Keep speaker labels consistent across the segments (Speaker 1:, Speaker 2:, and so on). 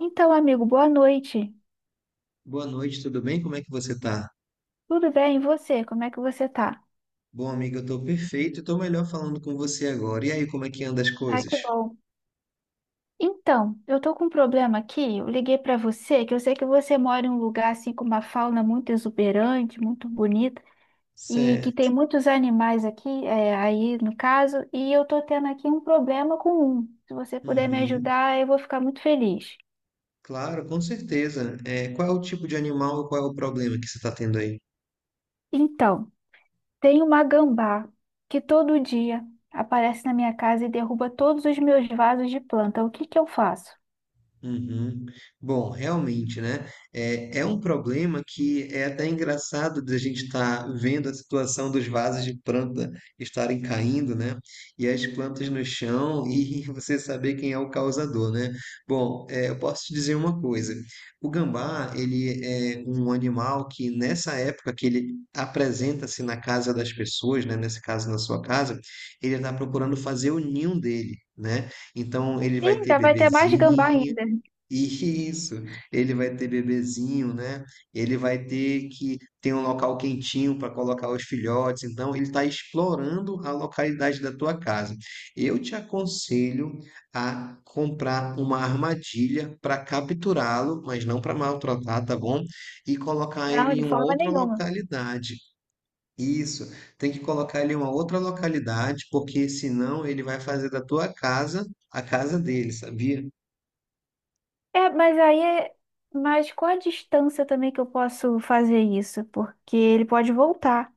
Speaker 1: Então, amigo, boa noite.
Speaker 2: Boa noite, tudo bem? Como é que você tá?
Speaker 1: Tudo bem, e você? Como é que você tá?
Speaker 2: Bom, amigo, eu tô perfeito e tô melhor falando com você agora. E aí, como é que anda as
Speaker 1: Ah,
Speaker 2: coisas?
Speaker 1: que bom. Então, eu tô com um problema aqui. Eu liguei pra você, que eu sei que você mora em um lugar assim com uma fauna muito exuberante, muito bonita, e que tem
Speaker 2: Certo.
Speaker 1: muitos animais aqui, aí no caso, e eu tô tendo aqui um problema com um. Se você puder me
Speaker 2: Uhum.
Speaker 1: ajudar, eu vou ficar muito feliz.
Speaker 2: Claro, com certeza. Qual é o tipo de animal e qual é o problema que você tá tendo aí?
Speaker 1: Então, tem uma gambá que todo dia aparece na minha casa e derruba todos os meus vasos de planta. O que que eu faço?
Speaker 2: Uhum. Bom, realmente, né? É um problema que é até engraçado da gente estar vendo a situação dos vasos de planta estarem caindo, né? E as plantas no chão e você saber quem é o causador, né? Bom, eu posso te dizer uma coisa. O gambá, ele é um animal que nessa época que ele apresenta-se na casa das pessoas, né? Nesse caso, na sua casa, ele está procurando fazer o ninho dele. Né? Então ele
Speaker 1: Ih,
Speaker 2: vai ter
Speaker 1: ainda vai ter mais gambá
Speaker 2: bebezinho,
Speaker 1: ainda.
Speaker 2: isso, ele vai ter bebezinho, né? Ele vai ter que ter um local quentinho para colocar os filhotes. Então, ele está explorando a localidade da tua casa. Eu te aconselho a comprar uma armadilha para capturá-lo, mas não para maltratar, tá bom? E colocar
Speaker 1: Não,
Speaker 2: ele em
Speaker 1: de
Speaker 2: uma
Speaker 1: forma
Speaker 2: outra
Speaker 1: nenhuma.
Speaker 2: localidade. Isso, tem que colocar ele em uma outra localidade, porque senão ele vai fazer da tua casa a casa dele, sabia?
Speaker 1: É, mas aí é. Mas qual a distância também que eu posso fazer isso? Porque ele pode voltar.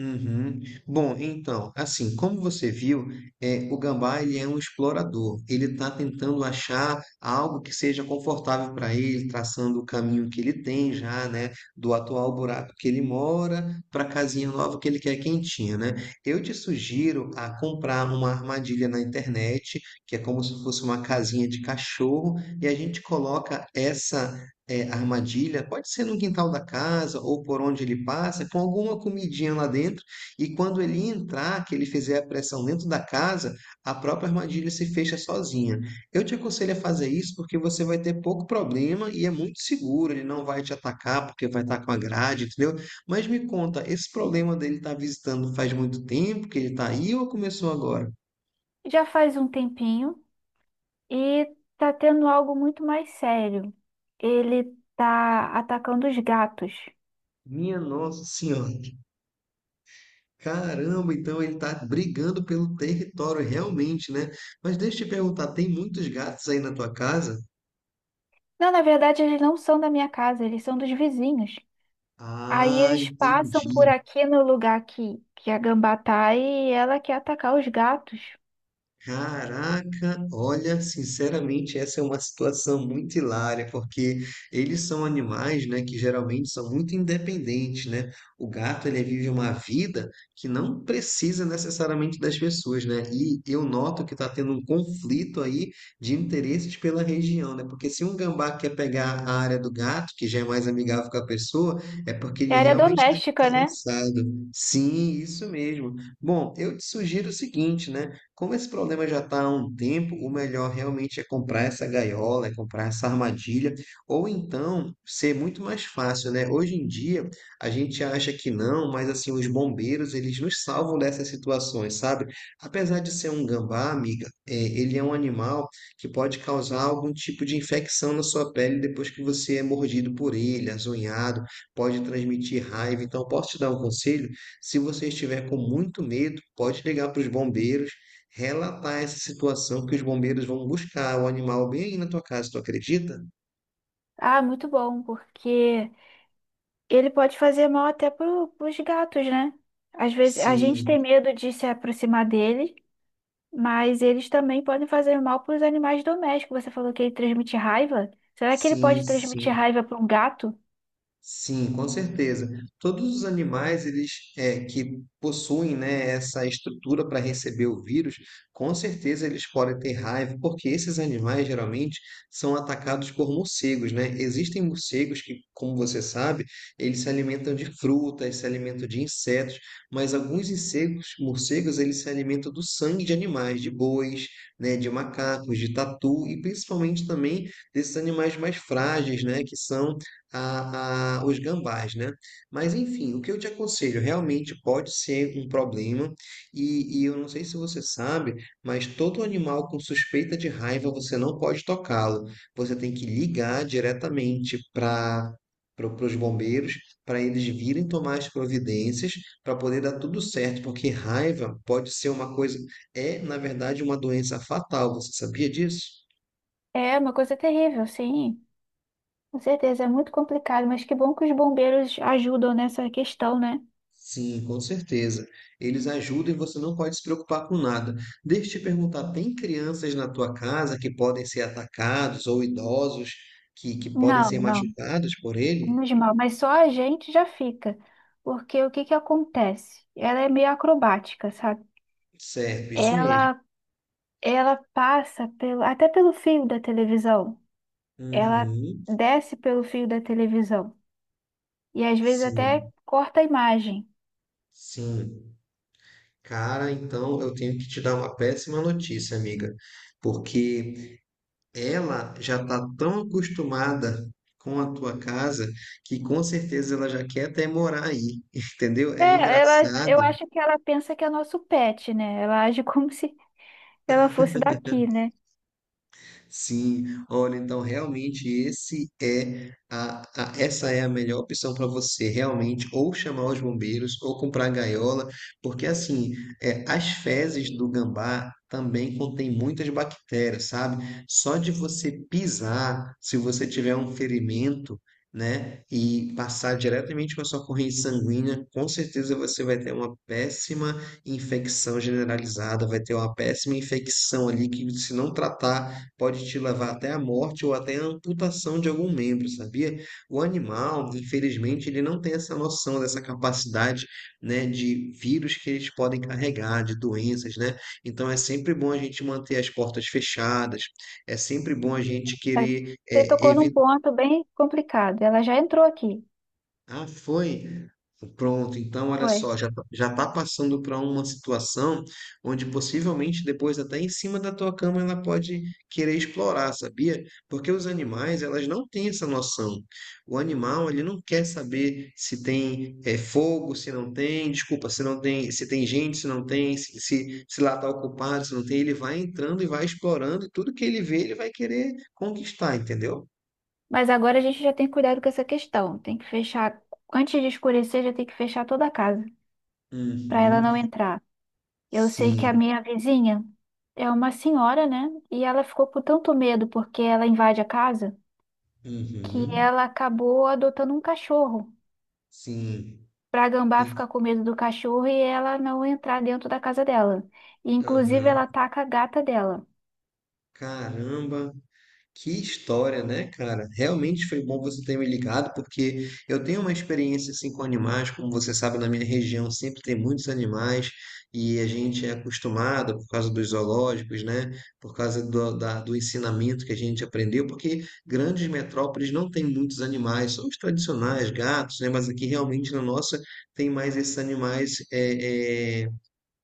Speaker 2: Uhum. Bom, então, assim, como você viu, o gambá ele é um explorador. Ele está tentando achar algo que seja confortável para ele, traçando o caminho que ele tem já, né, do atual buraco que ele mora para a casinha nova que ele quer quentinha, né? Eu te sugiro a comprar uma armadilha na internet, que é como se fosse uma casinha de cachorro, e a gente coloca essa armadilha, pode ser no quintal da casa ou por onde ele passa, com alguma comidinha lá dentro, e quando ele entrar, que ele fizer a pressão dentro da casa, a própria armadilha se fecha sozinha. Eu te aconselho a fazer isso porque você vai ter pouco problema e é muito seguro, ele não vai te atacar porque vai estar com a grade, entendeu? Mas me conta, esse problema dele estar visitando faz muito tempo que ele está aí ou começou agora?
Speaker 1: Já faz um tempinho e tá tendo algo muito mais sério. Ele tá atacando os gatos.
Speaker 2: Minha Nossa Senhora. Caramba, então ele tá brigando pelo território realmente, né? Mas deixa eu te perguntar, tem muitos gatos aí na tua casa?
Speaker 1: Não, na verdade, eles não são da minha casa, eles são dos vizinhos. Aí
Speaker 2: Ah,
Speaker 1: eles passam por
Speaker 2: entendi.
Speaker 1: aqui no lugar que a gambá tá e ela quer atacar os gatos.
Speaker 2: Caraca, olha, sinceramente, essa é uma situação muito hilária, porque eles são animais, né, que geralmente são muito independentes, né? O gato, ele vive uma vida que não precisa necessariamente das pessoas, né? E eu noto que está tendo um conflito aí de interesses pela região, né? Porque se um gambá quer pegar a área do gato, que já é mais amigável com a pessoa, é porque
Speaker 1: É
Speaker 2: ele
Speaker 1: área
Speaker 2: realmente está
Speaker 1: doméstica, né?
Speaker 2: interessado. Sim, isso mesmo. Bom, eu te sugiro o seguinte, né? Como esse problema já está há um tempo, o melhor realmente é comprar essa gaiola, é comprar essa armadilha, ou então ser muito mais fácil, né? Hoje em dia a gente acha que não, mas assim os bombeiros eles nos salvam dessas situações, sabe? Apesar de ser um gambá, amiga, ele é um animal que pode causar algum tipo de infecção na sua pele depois que você é mordido por ele, azonhado, pode transmitir raiva. Então posso te dar um conselho? Se você estiver com muito medo, pode ligar para os bombeiros relatar essa situação que os bombeiros vão buscar o animal bem aí na tua casa, tu acredita?
Speaker 1: Ah, muito bom, porque ele pode fazer mal até pros gatos, né? Às vezes a gente
Speaker 2: Sim,
Speaker 1: tem medo de se aproximar dele, mas eles também podem fazer mal para os animais domésticos. Você falou que ele transmite raiva. Será que ele
Speaker 2: sim,
Speaker 1: pode
Speaker 2: sim.
Speaker 1: transmitir raiva para um gato?
Speaker 2: Sim, com certeza. Todos os animais eles que possuem né, essa estrutura para receber o vírus, com certeza eles podem ter raiva, porque esses animais geralmente são atacados por morcegos, né? Existem morcegos que, como você sabe, eles se alimentam de frutas, se alimentam de insetos, mas alguns insetos, morcegos, eles se alimentam do sangue de animais, de bois, né, de macacos, de tatu e principalmente também desses animais mais frágeis, né, que são os gambás, né? Mas enfim, o que eu te aconselho realmente pode ser um problema, e eu não sei se você sabe, mas todo animal com suspeita de raiva você não pode tocá-lo. Você tem que ligar diretamente para os bombeiros, para eles virem tomar as providências, para poder dar tudo certo, porque raiva pode ser uma coisa, é na verdade uma doença fatal. Você sabia disso?
Speaker 1: É uma coisa terrível, sim. Com certeza, é muito complicado, mas que bom que os bombeiros ajudam nessa questão, né?
Speaker 2: Sim, com certeza. Eles ajudam e você não pode se preocupar com nada. Deixa eu te perguntar, tem crianças na tua casa que podem ser atacados ou idosos que podem
Speaker 1: Não,
Speaker 2: ser
Speaker 1: não,
Speaker 2: machucados por ele?
Speaker 1: menos mal, mas só a gente já fica, porque o que que acontece? Ela é meio acrobática, sabe?
Speaker 2: Certo, isso mesmo.
Speaker 1: Ela Ela passa pelo, até pelo fio da televisão. Ela
Speaker 2: Uhum,
Speaker 1: desce pelo fio da televisão. E às vezes até
Speaker 2: sim,
Speaker 1: corta a imagem.
Speaker 2: sim. Cara, então eu tenho que te dar uma péssima notícia, amiga, porque ela já está tão acostumada com a tua casa que com certeza ela já quer até morar aí, entendeu?
Speaker 1: É,
Speaker 2: É
Speaker 1: ela, eu
Speaker 2: engraçado.
Speaker 1: acho que ela pensa que é nosso pet, né? Ela age como se ela fosse daqui, né?
Speaker 2: Sim, olha, então realmente esse é a- essa é a melhor opção para você, realmente, ou chamar os bombeiros, ou comprar gaiola, porque assim, as fezes do gambá também contém muitas bactérias, sabe? Só de você pisar, se você tiver um ferimento, né, e passar diretamente para sua corrente sanguínea, com certeza você vai ter uma péssima infecção generalizada, vai ter uma péssima infecção ali que se não tratar pode te levar até a morte ou até a amputação de algum membro, sabia? O animal, infelizmente, ele não tem essa noção dessa capacidade, né, de vírus que eles podem carregar, de doenças, né? Então é sempre bom a gente manter as portas fechadas, é sempre bom a gente
Speaker 1: É,
Speaker 2: querer
Speaker 1: você tocou num
Speaker 2: evitar.
Speaker 1: ponto bem complicado. Ela já entrou aqui,
Speaker 2: Ah, foi? Pronto, então olha
Speaker 1: foi.
Speaker 2: só, já tá passando para uma situação onde possivelmente depois até em cima da tua cama ela pode querer explorar, sabia? Porque os animais, elas não têm essa noção. O animal, ele não quer saber se tem fogo, se não tem, desculpa, se não tem, se tem gente, se não tem, se lá tá ocupado, se não tem, ele vai entrando e vai explorando e tudo que ele vê, ele vai querer conquistar, entendeu?
Speaker 1: Mas agora a gente já tem cuidado com essa questão. Tem que fechar, antes de escurecer, já tem que fechar toda a casa, para ela não
Speaker 2: Uhum,
Speaker 1: entrar. Eu sei que a
Speaker 2: sim.
Speaker 1: minha vizinha é uma senhora, né? E ela ficou com tanto medo porque ela invade a casa que
Speaker 2: Uhum.
Speaker 1: ela acabou adotando um cachorro.
Speaker 2: Sim.
Speaker 1: Pra gambá
Speaker 2: E,
Speaker 1: ficar com medo do cachorro e ela não entrar dentro da casa dela. E, inclusive,
Speaker 2: aham.
Speaker 1: ela ataca a gata dela.
Speaker 2: Caramba, que história, né, cara? Realmente foi bom você ter me ligado, porque eu tenho uma experiência assim com animais, como você sabe, na minha região sempre tem muitos animais e a gente é acostumado por causa dos zoológicos, né? Por causa do ensinamento que a gente aprendeu, porque grandes metrópoles não tem muitos animais, são os tradicionais, gatos, né? Mas aqui realmente na nossa tem mais esses animais é, é,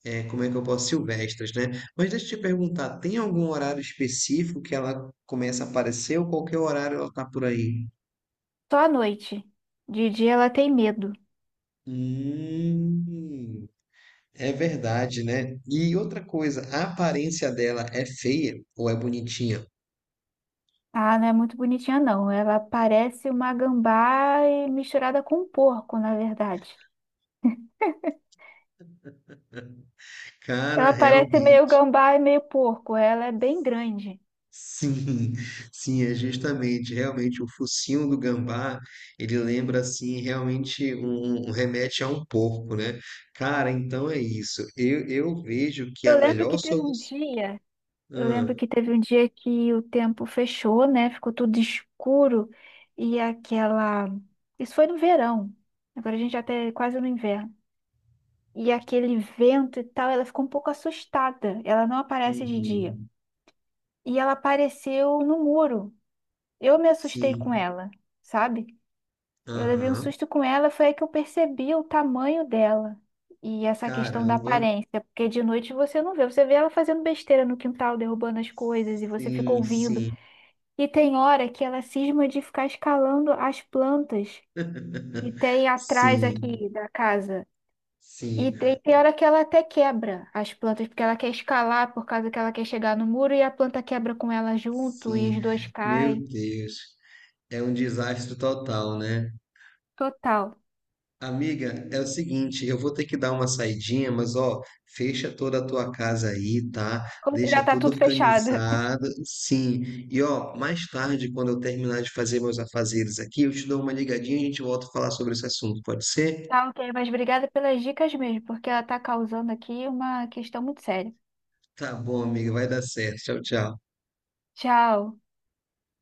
Speaker 2: É, como é que eu posso? Silvestres, né? Mas deixa eu te perguntar, tem algum horário específico que ela começa a aparecer ou qualquer horário ela tá por aí?
Speaker 1: Só à noite. De dia ela tem medo.
Speaker 2: Hum, é verdade, né? E outra coisa, a aparência dela é feia ou é bonitinha?
Speaker 1: Ah, não é muito bonitinha, não. Ela parece uma gambá e misturada com um porco, na verdade.
Speaker 2: Cara,
Speaker 1: Ela parece meio
Speaker 2: realmente.
Speaker 1: gambá e meio porco. Ela é bem grande.
Speaker 2: Sim, sim, é justamente, realmente o focinho do gambá, ele lembra assim, realmente um, um remete a um porco, né? Cara, então é isso. Eu vejo que a
Speaker 1: Eu lembro
Speaker 2: melhor
Speaker 1: que teve um
Speaker 2: solução.
Speaker 1: dia, eu
Speaker 2: Ah,
Speaker 1: lembro que teve um dia que o tempo fechou, né? Ficou tudo escuro e aquela. Isso foi no verão. Agora a gente já tá quase no inverno. E aquele vento e tal, ela ficou um pouco assustada. Ela não aparece de dia.
Speaker 2: uhum.
Speaker 1: E ela apareceu no muro. Eu me assustei com
Speaker 2: Sim.
Speaker 1: ela, sabe? Eu levei um
Speaker 2: Aham.
Speaker 1: susto com ela, foi aí que eu percebi o tamanho dela. E essa questão da
Speaker 2: Caramba.
Speaker 1: aparência, porque de noite você não vê, você vê ela fazendo besteira no quintal, derrubando as coisas, e você fica
Speaker 2: Sim,
Speaker 1: ouvindo.
Speaker 2: sim.
Speaker 1: E tem hora que ela cisma de ficar escalando as plantas que tem atrás
Speaker 2: Sim,
Speaker 1: aqui da casa. E
Speaker 2: sim,
Speaker 1: tem hora que ela até quebra as plantas, porque ela quer escalar por causa que ela quer chegar no muro e a planta quebra com ela junto e
Speaker 2: sim.
Speaker 1: os dois
Speaker 2: Meu
Speaker 1: caem.
Speaker 2: Deus. É um desastre total, né?
Speaker 1: Total.
Speaker 2: Amiga, é o seguinte, eu vou ter que dar uma saidinha, mas ó, fecha toda a tua casa aí, tá?
Speaker 1: Como que já
Speaker 2: Deixa
Speaker 1: tá
Speaker 2: tudo
Speaker 1: tudo fechado.
Speaker 2: organizado. Sim. E ó, mais tarde, quando eu terminar de fazer meus afazeres aqui, eu te dou uma ligadinha e a gente volta a falar sobre esse assunto, pode ser?
Speaker 1: Tá ok, mas obrigada pelas dicas mesmo, porque ela tá causando aqui uma questão muito séria.
Speaker 2: Tá bom, amiga, vai dar certo. Tchau, tchau.
Speaker 1: Tchau.